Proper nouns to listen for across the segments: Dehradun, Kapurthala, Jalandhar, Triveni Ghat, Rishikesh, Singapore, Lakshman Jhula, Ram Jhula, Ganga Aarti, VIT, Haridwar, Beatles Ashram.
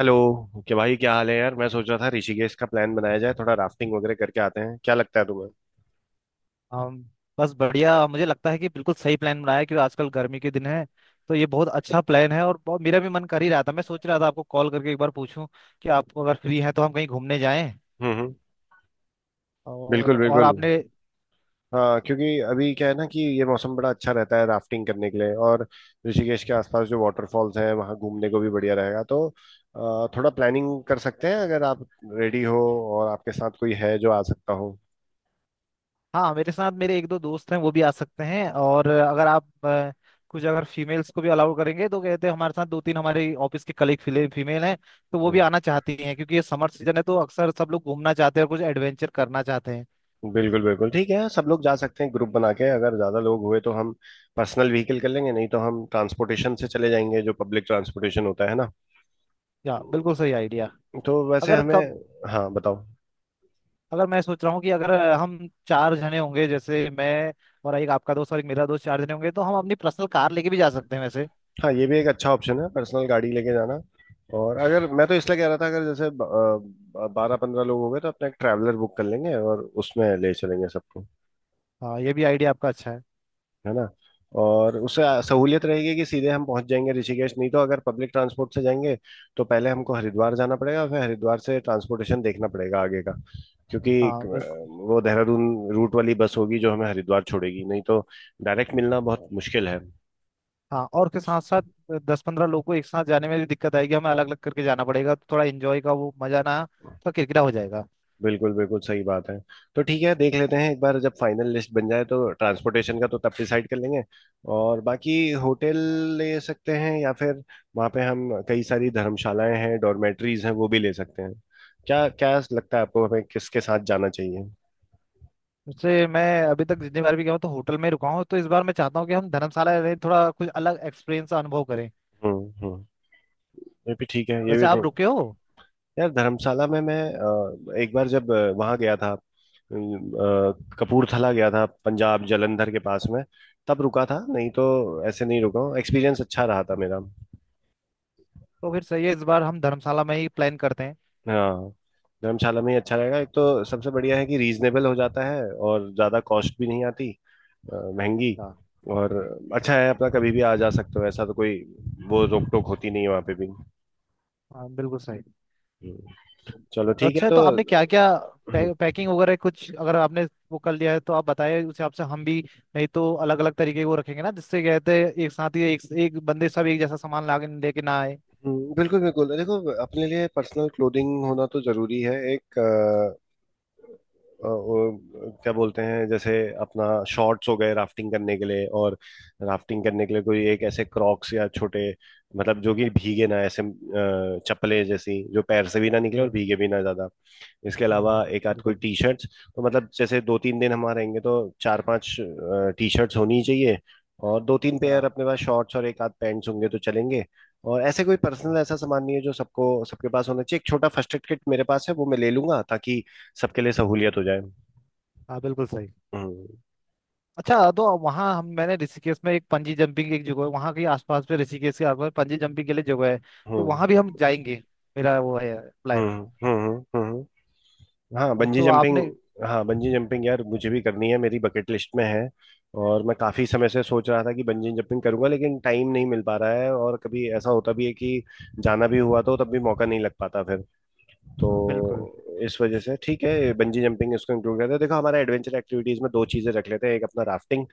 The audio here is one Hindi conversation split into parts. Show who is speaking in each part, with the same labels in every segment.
Speaker 1: हेलो। क्या भाई, क्या हाल है यार? मैं सोच रहा था ऋषिकेश का प्लान बनाया जाए, थोड़ा राफ्टिंग वगैरह करके आते हैं। क्या लगता है तुम्हें?
Speaker 2: हम बस बढ़िया, मुझे लगता है कि बिल्कुल सही प्लान बनाया है, क्योंकि आजकल गर्मी के दिन है। तो ये बहुत अच्छा प्लान है और बहुत मेरा भी मन कर ही रहा था, मैं सोच रहा था आपको कॉल करके एक बार पूछूं कि आप अगर फ्री हैं तो हम कहीं घूमने जाएं।
Speaker 1: हम्म, हम्म। बिल्कुल,
Speaker 2: और
Speaker 1: बिल्कुल।
Speaker 2: आपने।
Speaker 1: हाँ, क्योंकि अभी क्या है ना, कि ये मौसम बड़ा अच्छा रहता है राफ्टिंग करने के लिए। और ऋषिकेश के आसपास जो वाटरफॉल्स हैं वहाँ घूमने को भी बढ़िया रहेगा। तो थोड़ा प्लानिंग कर सकते हैं अगर आप रेडी हो, और आपके साथ कोई है जो आ सकता हो।
Speaker 2: हाँ, मेरे साथ मेरे 1-2 दोस्त हैं, वो भी आ सकते हैं, और अगर आप कुछ अगर फीमेल्स को भी अलाउ करेंगे तो कहते हैं हमारे साथ 2-3 ऑफिस के कलीग फीमेल हैं, तो वो भी
Speaker 1: हम्म।
Speaker 2: आना चाहती हैं, क्योंकि ये समर सीजन है तो अक्सर सब लोग घूमना चाहते हैं और कुछ एडवेंचर करना चाहते हैं।
Speaker 1: बिल्कुल, बिल्कुल ठीक है, सब लोग जा सकते हैं ग्रुप बना के। अगर ज्यादा लोग हुए तो हम पर्सनल व्हीकल कर लेंगे, नहीं तो हम ट्रांसपोर्टेशन से चले जाएंगे, जो पब्लिक ट्रांसपोर्टेशन होता है ना।
Speaker 2: या, बिल्कुल सही आइडिया।
Speaker 1: तो वैसे
Speaker 2: अगर कब
Speaker 1: हमें। हाँ, बताओ।
Speaker 2: अगर मैं सोच रहा हूँ कि अगर हम 4 जने मैं और एक आपका दोस्त और एक मेरा दोस्त, 4 जने हम अपनी पर्सनल कार लेके भी जा सकते हैं वैसे।
Speaker 1: हाँ, ये भी एक अच्छा ऑप्शन है, पर्सनल गाड़ी लेके जाना। और अगर, मैं तो इसलिए कह रहा था, अगर जैसे 12-15 लोग हो गए तो अपना एक ट्रैवलर बुक कर लेंगे और उसमें ले चलेंगे सबको,
Speaker 2: हाँ, ये भी आइडिया आपका अच्छा है।
Speaker 1: है ना। और उससे सहूलियत रहेगी कि सीधे हम पहुंच जाएंगे ऋषिकेश। नहीं तो अगर पब्लिक ट्रांसपोर्ट से जाएंगे तो पहले हमको हरिद्वार जाना पड़ेगा, फिर हरिद्वार से ट्रांसपोर्टेशन देखना पड़ेगा आगे का। क्योंकि एक,
Speaker 2: हाँ बिल्कुल।
Speaker 1: वो देहरादून रूट वाली बस होगी जो हमें हरिद्वार छोड़ेगी, नहीं तो डायरेक्ट मिलना बहुत मुश्किल है।
Speaker 2: हाँ, और उसके साथ साथ 10-15 लोग को एक साथ जाने में भी दिक्कत आएगी, हमें अलग अलग करके जाना पड़ेगा तो थोड़ा एंजॉय का वो मजा ना थोड़ा किरकिरा हो जाएगा।
Speaker 1: बिल्कुल, बिल्कुल सही बात है। तो ठीक है, देख लेते हैं एक बार जब फाइनल लिस्ट बन जाए तो ट्रांसपोर्टेशन का तो तब डिसाइड कर लेंगे। और बाकी होटल ले सकते हैं या फिर वहाँ पे हम, कई सारी धर्मशालाएं हैं, डॉर्मेट्रीज हैं, वो भी ले सकते हैं। क्या क्या लगता है आपको, हमें किसके साथ जाना चाहिए?
Speaker 2: उससे मैं अभी तक जितनी बार भी गया हूँ तो होटल में ही रुका हूँ, तो इस बार मैं चाहता हूँ कि हम धर्मशाला में थोड़ा कुछ अलग एक्सपीरियंस अनुभव करें।
Speaker 1: हम्म, हम्म, ये भी ठीक है, ये
Speaker 2: वैसे
Speaker 1: भी
Speaker 2: आप
Speaker 1: ठीक।
Speaker 2: रुके हो?
Speaker 1: यार धर्मशाला में मैं एक बार जब वहाँ गया था, कपूरथला गया था, पंजाब, जालंधर के पास में, तब रुका था। नहीं तो ऐसे नहीं रुका हूँ। एक्सपीरियंस अच्छा रहा था मेरा।
Speaker 2: तो फिर सही है, इस बार हम धर्मशाला में ही प्लान करते हैं।
Speaker 1: हाँ, धर्मशाला में ही अच्छा रहेगा। एक तो सबसे बढ़िया है कि रीजनेबल हो जाता है और ज़्यादा कॉस्ट भी नहीं आती, महंगी।
Speaker 2: हाँ।
Speaker 1: और अच्छा है अपना, कभी भी आ जा सकते हो, ऐसा तो कोई, वो रोक टोक होती नहीं है वहाँ पे भी।
Speaker 2: हाँ, बिल्कुल सही।
Speaker 1: हम्म, चलो ठीक है
Speaker 2: अच्छा
Speaker 1: तो।
Speaker 2: तो आपने क्या क्या पैकिंग वगैरह कुछ अगर आपने वो कर लिया है तो आप बताइए, उस हिसाब से हम भी। नहीं तो अलग अलग तरीके के वो रखेंगे ना, जिससे कहते हैं एक साथ ही एक एक बंदे सब एक जैसा सामान लाके लेके ना आए।
Speaker 1: हम्म। बिल्कुल, बिल्कुल, देखो अपने लिए पर्सनल क्लोथिंग होना तो जरूरी है एक, वो क्या बोलते हैं जैसे अपना शॉर्ट्स हो गए राफ्टिंग करने के लिए। और राफ्टिंग करने के लिए कोई एक ऐसे क्रॉक्स या छोटे, मतलब जो कि भीगे ना, ऐसे चप्पलें जैसी, जो पैर से भी ना निकले और
Speaker 2: या।
Speaker 1: भीगे भी ना ज्यादा। इसके
Speaker 2: हाँ
Speaker 1: अलावा एक आध कोई
Speaker 2: बिल्कुल।
Speaker 1: T shirts. तो मतलब जैसे दो तीन दिन हम रहेंगे तो चार पांच टी शर्ट्स होनी ही चाहिए। और दो तीन पेयर
Speaker 2: या।
Speaker 1: अपने पास शॉर्ट्स और एक आध पैंट्स होंगे तो चलेंगे। और ऐसे कोई
Speaker 2: या,
Speaker 1: पर्सनल ऐसा सामान नहीं है जो सबको, सबके पास होना चाहिए। एक छोटा फर्स्ट एड किट मेरे पास है, वो मैं ले लूंगा, ताकि सबके लिए सहूलियत हो जाए।
Speaker 2: हाँ बिल्कुल सही।
Speaker 1: हम्म,
Speaker 2: अच्छा तो वहाँ हम, मैंने ऋषिकेश में एक पंजी जंपिंग की एक जगह है, वहाँ के आसपास पे, ऋषिकेश के आसपास पंजी जंपिंग के लिए जगह है, तो
Speaker 1: हम्म,
Speaker 2: वहाँ भी हम जाएंगे। मेरा वो है
Speaker 1: हम्म,
Speaker 2: प्लान।
Speaker 1: हम्म, हाँ,
Speaker 2: अब
Speaker 1: बंजी
Speaker 2: तो
Speaker 1: जंपिंग।
Speaker 2: आपने।
Speaker 1: हाँ, बंजी जंपिंग यार, मुझे भी करनी है, मेरी बकेट लिस्ट में है। और मैं काफी समय से सोच रहा था कि बंजी जंपिंग करूंगा, लेकिन टाइम नहीं मिल पा रहा है। और कभी ऐसा होता भी है कि जाना भी हुआ तो तब भी मौका नहीं लग पाता फिर। तो
Speaker 2: हाँ बिल्कुल
Speaker 1: इस वजह से ठीक है, बंजी जंपिंग इसको इंक्लूड करते हैं। देखो हमारा एडवेंचर एक्टिविटीज में दो चीजें रख लेते हैं, एक अपना राफ्टिंग,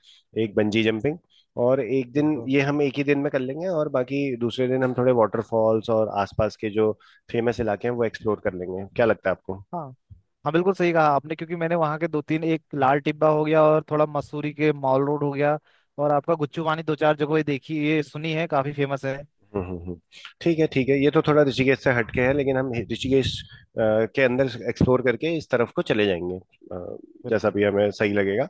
Speaker 1: एक बंजी जंपिंग। और एक दिन
Speaker 2: बिल्कुल।
Speaker 1: ये हम एक ही दिन में कर लेंगे, और बाकी दूसरे दिन हम थोड़े वाटरफॉल्स और आसपास के जो फेमस इलाके हैं वो एक्सप्लोर कर लेंगे। क्या लगता है आपको?
Speaker 2: हाँ। हाँ बिल्कुल सही कहा आपने, क्योंकि मैंने वहाँ के 2-3, एक लाल टिब्बा हो गया और थोड़ा मसूरी के मॉल रोड हो गया, और आपका गुच्चू वानी, 2-4 जगह ये देखी ये सुनी है, काफी फेमस है।
Speaker 1: हम्म, ठीक है, ठीक है, ये तो थोड़ा ऋषिकेश से हटके है, लेकिन हम ऋषिकेश के अंदर एक्सप्लोर करके इस तरफ को चले जाएंगे, अ, जैसा
Speaker 2: बिल्कुल।
Speaker 1: भी हमें सही लगेगा।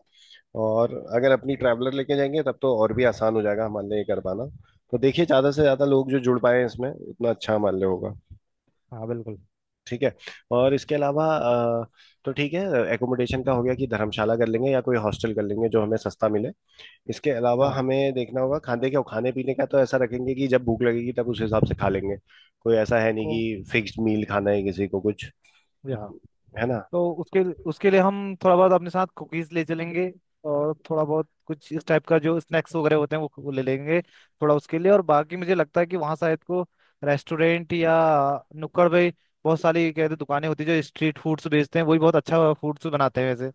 Speaker 1: और अगर अपनी ट्रैवलर लेके जाएंगे तब तो और भी आसान हो जाएगा हमारे लिए ये कर पाना। तो देखिए, ज़्यादा से ज़्यादा लोग जो जुड़ पाए इसमें, उतना अच्छा हमारे लिए होगा।
Speaker 2: हाँ बिल्कुल।
Speaker 1: ठीक है। और इसके अलावा तो ठीक है, एकोमोडेशन का हो गया कि धर्मशाला कर लेंगे या कोई हॉस्टल कर लेंगे जो हमें सस्ता मिले। इसके अलावा
Speaker 2: हाँ
Speaker 1: हमें देखना होगा खाने का, खाने पीने का, तो ऐसा रखेंगे कि जब भूख लगेगी तब उस हिसाब से खा लेंगे। कोई ऐसा है नहीं
Speaker 2: को
Speaker 1: कि फिक्स्ड मील खाना है किसी को कुछ,
Speaker 2: यहाँ,
Speaker 1: है ना।
Speaker 2: तो उसके उसके लिए हम थोड़ा बहुत अपने साथ कुकीज ले चलेंगे, और थोड़ा बहुत कुछ इस टाइप का जो स्नैक्स वगैरह होते हैं वो ले लेंगे थोड़ा उसके लिए, और बाकी मुझे लगता है कि वहाँ शायद को रेस्टोरेंट या नुक्कड़ भाई बहुत सारी कहते दुकानें होती है जो स्ट्रीट फूड्स बेचते हैं, वो भी बहुत अच्छा फूड्स बनाते हैं वैसे।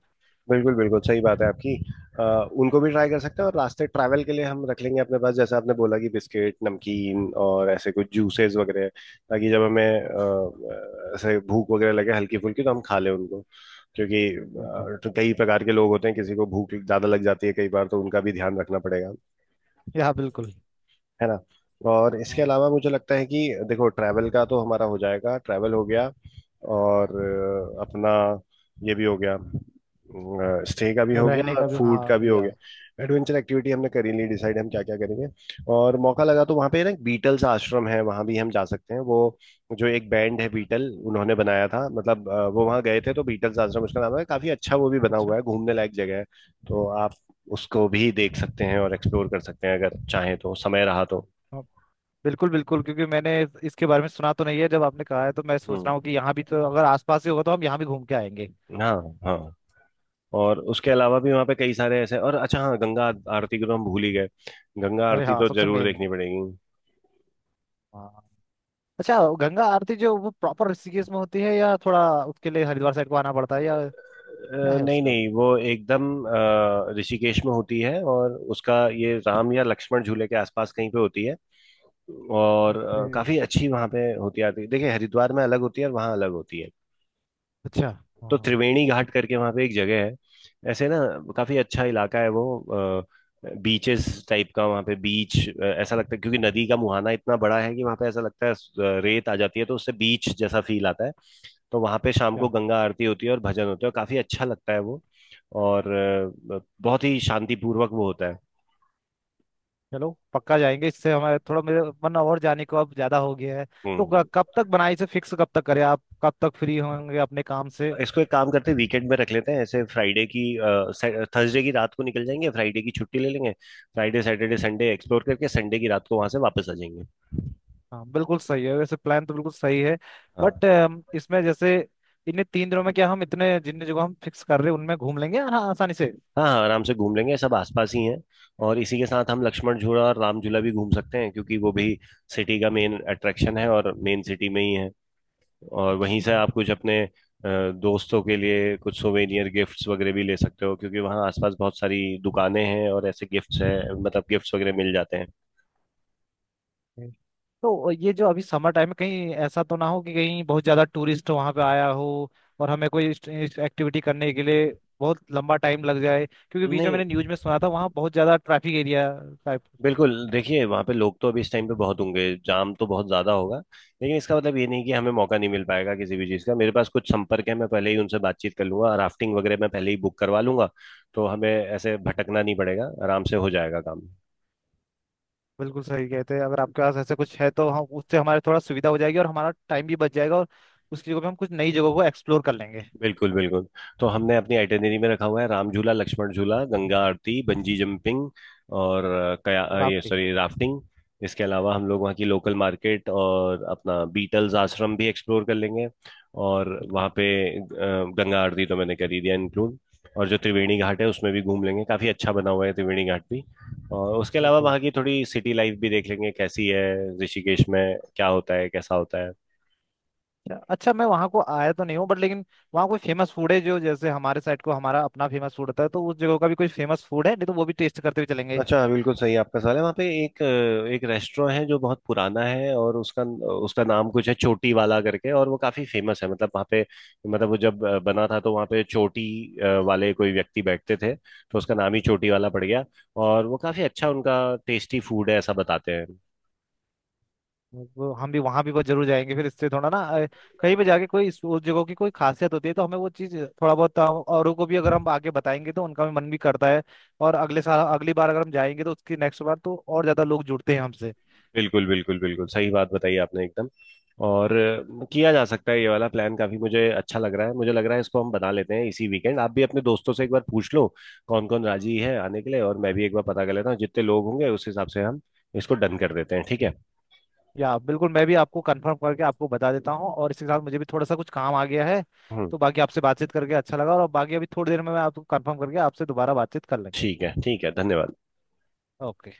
Speaker 1: बिल्कुल, बिल्कुल सही बात है आपकी। आ, उनको भी ट्राई कर सकते हैं। और रास्ते ट्रैवल के लिए हम रख लेंगे अपने पास जैसा आपने बोला कि बिस्किट, नमकीन और ऐसे कुछ जूसेस वगैरह, ताकि जब हमें ऐसे भूख वगैरह लगे हल्की फुल्की तो हम खा लें उनको। क्योंकि
Speaker 2: बिल्कुल।
Speaker 1: तो कई प्रकार के लोग होते हैं, किसी को भूख ज़्यादा लग जाती है कई बार, तो उनका भी ध्यान रखना पड़ेगा,
Speaker 2: या, बिल्कुल।
Speaker 1: है ना। और इसके
Speaker 2: हाँ,
Speaker 1: अलावा मुझे लगता है कि देखो, ट्रैवल का तो हमारा हो जाएगा, ट्रैवल हो गया। और अपना ये भी हो गया, स्टे का भी हो गया
Speaker 2: रहने का
Speaker 1: और
Speaker 2: भी,
Speaker 1: फूड का
Speaker 2: हाँ,
Speaker 1: भी हो
Speaker 2: या।
Speaker 1: गया। एडवेंचर एक्टिविटी हमने कर ही ली डिसाइड, हम क्या क्या करेंगे। और मौका लगा तो वहाँ पे ना बीटल्स आश्रम है, वहाँ भी हम जा सकते हैं। वो जो एक बैंड है बीटल, उन्होंने बनाया था, मतलब वो वहाँ गए थे, तो बीटल्स आश्रम उसका नाम है। काफी अच्छा वो भी बना
Speaker 2: अच्छा,
Speaker 1: हुआ है, घूमने लायक जगह है। तो उसको भी देख सकते हैं और एक्सप्लोर कर सकते हैं अगर चाहें तो, समय रहा तो।
Speaker 2: हाँ, बिल्कुल बिल्कुल, क्योंकि मैंने इसके बारे में सुना तो नहीं है, जब आपने कहा है तो मैं सोच रहा हूँ
Speaker 1: हम्म,
Speaker 2: कि यहाँ भी तो अगर आसपास ही होगा तो हम यहाँ भी घूम के आएंगे।
Speaker 1: हाँ, हाँ। और उसके अलावा भी वहाँ पे कई सारे ऐसे, और अच्छा, हाँ, गंगा आरती को तो हम भूल ही गए। गंगा
Speaker 2: अरे
Speaker 1: आरती
Speaker 2: हाँ,
Speaker 1: तो
Speaker 2: सबसे
Speaker 1: जरूर
Speaker 2: मेन।
Speaker 1: देखनी पड़ेगी।
Speaker 2: हाँ। अच्छा, गंगा आरती जो वो प्रॉपर ऋषिकेश में होती है या थोड़ा उसके लिए हरिद्वार साइड को आना पड़ता है, या क्या है
Speaker 1: नहीं,
Speaker 2: उसका?
Speaker 1: नहीं, वो एकदम ऋषिकेश में होती है, और उसका ये राम या लक्ष्मण झूले के आसपास कहीं पे होती है। और
Speaker 2: ओके।
Speaker 1: काफी अच्छी वहाँ पे होती है आरती। देखिए, हरिद्वार में अलग होती है और वहाँ अलग होती है।
Speaker 2: अच्छा। हाँ।
Speaker 1: तो त्रिवेणी घाट करके वहां पे एक जगह है, ऐसे ना, काफी अच्छा इलाका है वो। बीचेस टाइप का, वहां पे बीच ऐसा लगता है, क्योंकि नदी का मुहाना इतना बड़ा है कि वहां पे ऐसा लगता है, रेत आ जाती है तो उससे बीच जैसा फील आता है। तो वहां पे शाम को
Speaker 2: क्या?
Speaker 1: गंगा आरती होती है और भजन होता है, काफी अच्छा लगता है वो। और बहुत ही शांतिपूर्वक वो होता है।
Speaker 2: चलो पक्का जाएंगे, इससे हमारे थोड़ा, मेरे मन और जाने को अब ज्यादा हो गया है। तो
Speaker 1: हम्म
Speaker 2: कब तक बनाई से फिक्स, कब तक करें? आप कब तक फ्री होंगे अपने काम से?
Speaker 1: इसको एक काम करते हैं, वीकेंड में रख लेते हैं, ऐसे फ्राइडे की, थर्सडे की रात को निकल जाएंगे, फ्राइडे की छुट्टी ले लेंगे। फ्राइडे, सैटरडे, संडे एक्सप्लोर करके संडे की रात को वहां से वापस आ जाएंगे।
Speaker 2: हाँ बिल्कुल सही है, वैसे प्लान तो बिल्कुल सही है।
Speaker 1: हाँ,
Speaker 2: बट इसमें जैसे, इन्हीं 3 दिनों में क्या हम इतने जितने जगह हम फिक्स कर रहे हैं उनमें घूम लेंगे? हाँ, आसानी से।
Speaker 1: हाँ, हाँ, आराम से घूम लेंगे, सब आसपास ही हैं। और इसी के साथ हम लक्ष्मण झूला और राम झूला भी घूम सकते हैं, क्योंकि वो भी सिटी का मेन अट्रैक्शन है और मेन सिटी में ही है। और वहीं से
Speaker 2: अच्छा।
Speaker 1: आप कुछ अपने दोस्तों के लिए कुछ सोवेनियर गिफ्ट्स वगैरह भी ले सकते हो, क्योंकि वहाँ आसपास बहुत सारी दुकानें हैं और ऐसे गिफ्ट्स हैं, मतलब गिफ्ट्स वगैरह मिल जाते हैं।
Speaker 2: Okay। तो ये जो अभी समर टाइम में, कहीं ऐसा तो ना हो कि कहीं बहुत ज्यादा टूरिस्ट वहां पे आया हो और हमें कोई एक्टिविटी करने के लिए बहुत लंबा टाइम लग जाए, क्योंकि बीच में
Speaker 1: नहीं।
Speaker 2: मैंने न्यूज में सुना था वहाँ बहुत ज्यादा ट्रैफिक एरिया टाइप।
Speaker 1: बिल्कुल, देखिए वहाँ पे लोग तो अभी इस टाइम पे बहुत होंगे, जाम तो बहुत ज़्यादा होगा। लेकिन इसका मतलब ये नहीं कि हमें मौका नहीं मिल पाएगा किसी भी चीज़ का। मेरे पास कुछ संपर्क है, मैं पहले ही उनसे बातचीत कर लूंगा, राफ्टिंग वगैरह मैं पहले ही बुक करवा लूंगा। तो हमें ऐसे भटकना नहीं पड़ेगा, आराम से हो जाएगा काम।
Speaker 2: बिल्कुल सही कहते हैं, अगर आपके पास ऐसा कुछ है तो हम उससे, हमारे थोड़ा सुविधा हो जाएगी और हमारा टाइम भी बच जाएगा, और उसकी जगह पे हम कुछ नई जगहों को एक्सप्लोर कर लेंगे।
Speaker 1: बिल्कुल, बिल्कुल। तो हमने अपनी आइटिनरी में रखा हुआ है राम झूला, लक्ष्मण झूला, गंगा आरती, बंजी जंपिंग और ये
Speaker 2: राफ्टिंग,
Speaker 1: सॉरी, राफ्टिंग। इसके अलावा हम लोग वहाँ की लोकल मार्केट और अपना बीटल्स आश्रम भी एक्सप्लोर कर लेंगे। और
Speaker 2: बिल्कुल
Speaker 1: वहाँ पे अ, गंगा आरती तो मैंने कर ही दिया इंक्लूड। और जो त्रिवेणी घाट है उसमें भी घूम लेंगे, काफ़ी अच्छा बना हुआ है त्रिवेणी घाट भी। और उसके अलावा
Speaker 2: बिल्कुल।
Speaker 1: वहाँ की थोड़ी सिटी लाइफ भी देख लेंगे कैसी है, ऋषिकेश में क्या होता है कैसा होता है।
Speaker 2: अच्छा अच्छा, मैं वहाँ को आया तो नहीं हूँ, बट लेकिन वहाँ कोई फेमस फूड है? जो जैसे हमारे साइड को हमारा अपना फेमस फूड होता है, तो उस जगह का भी कोई फेमस फूड है, नहीं तो वो भी टेस्ट करते हुए चलेंगे।
Speaker 1: अच्छा, बिल्कुल सही आपका सवाल है। वहाँ पे एक रेस्टोरेंट है जो बहुत पुराना है, और उसका उसका नाम कुछ है चोटी वाला करके, और वो काफी फेमस है। मतलब वहाँ पे, मतलब वो जब बना था तो वहाँ पे चोटी वाले कोई व्यक्ति बैठते थे, तो उसका नाम ही चोटी वाला पड़ गया। और वो काफी अच्छा, उनका टेस्टी फूड है ऐसा बताते हैं।
Speaker 2: वो हम भी वहाँ भी बहुत जरूर जाएंगे, फिर इससे थोड़ा ना कहीं पे जाके कोई उस जगह की कोई खासियत होती है तो हमें वो चीज़ थोड़ा बहुत, औरों को भी अगर हम आगे बताएंगे तो उनका भी मन भी करता है, और अगले साल अगली बार अगर हम जाएंगे तो उसकी नेक्स्ट बार तो और ज्यादा लोग जुड़ते हैं हमसे।
Speaker 1: बिल्कुल, बिल्कुल, बिल्कुल सही बात बताई आपने एकदम। और किया जा सकता है ये वाला प्लान, काफी मुझे अच्छा लग रहा है। मुझे लग रहा है इसको हम बना लेते हैं इसी वीकेंड। आप भी अपने दोस्तों से एक बार पूछ लो कौन कौन राजी है आने के लिए, और मैं भी एक बार पता कर लेता हूँ जितने लोग होंगे। उस हिसाब से हम इसको डन कर देते हैं, ठीक है?
Speaker 2: या बिल्कुल, मैं भी आपको कंफर्म करके आपको बता देता हूँ, और इसके साथ मुझे भी थोड़ा सा कुछ काम आ गया है,
Speaker 1: हम्म।
Speaker 2: तो बाकी आपसे बातचीत करके अच्छा लगा, और बाकी अभी थोड़ी देर में मैं आपको कंफर्म करके आपसे दोबारा बातचीत कर लेंगे।
Speaker 1: ठीक है, ठीक है, धन्यवाद।
Speaker 2: ओके।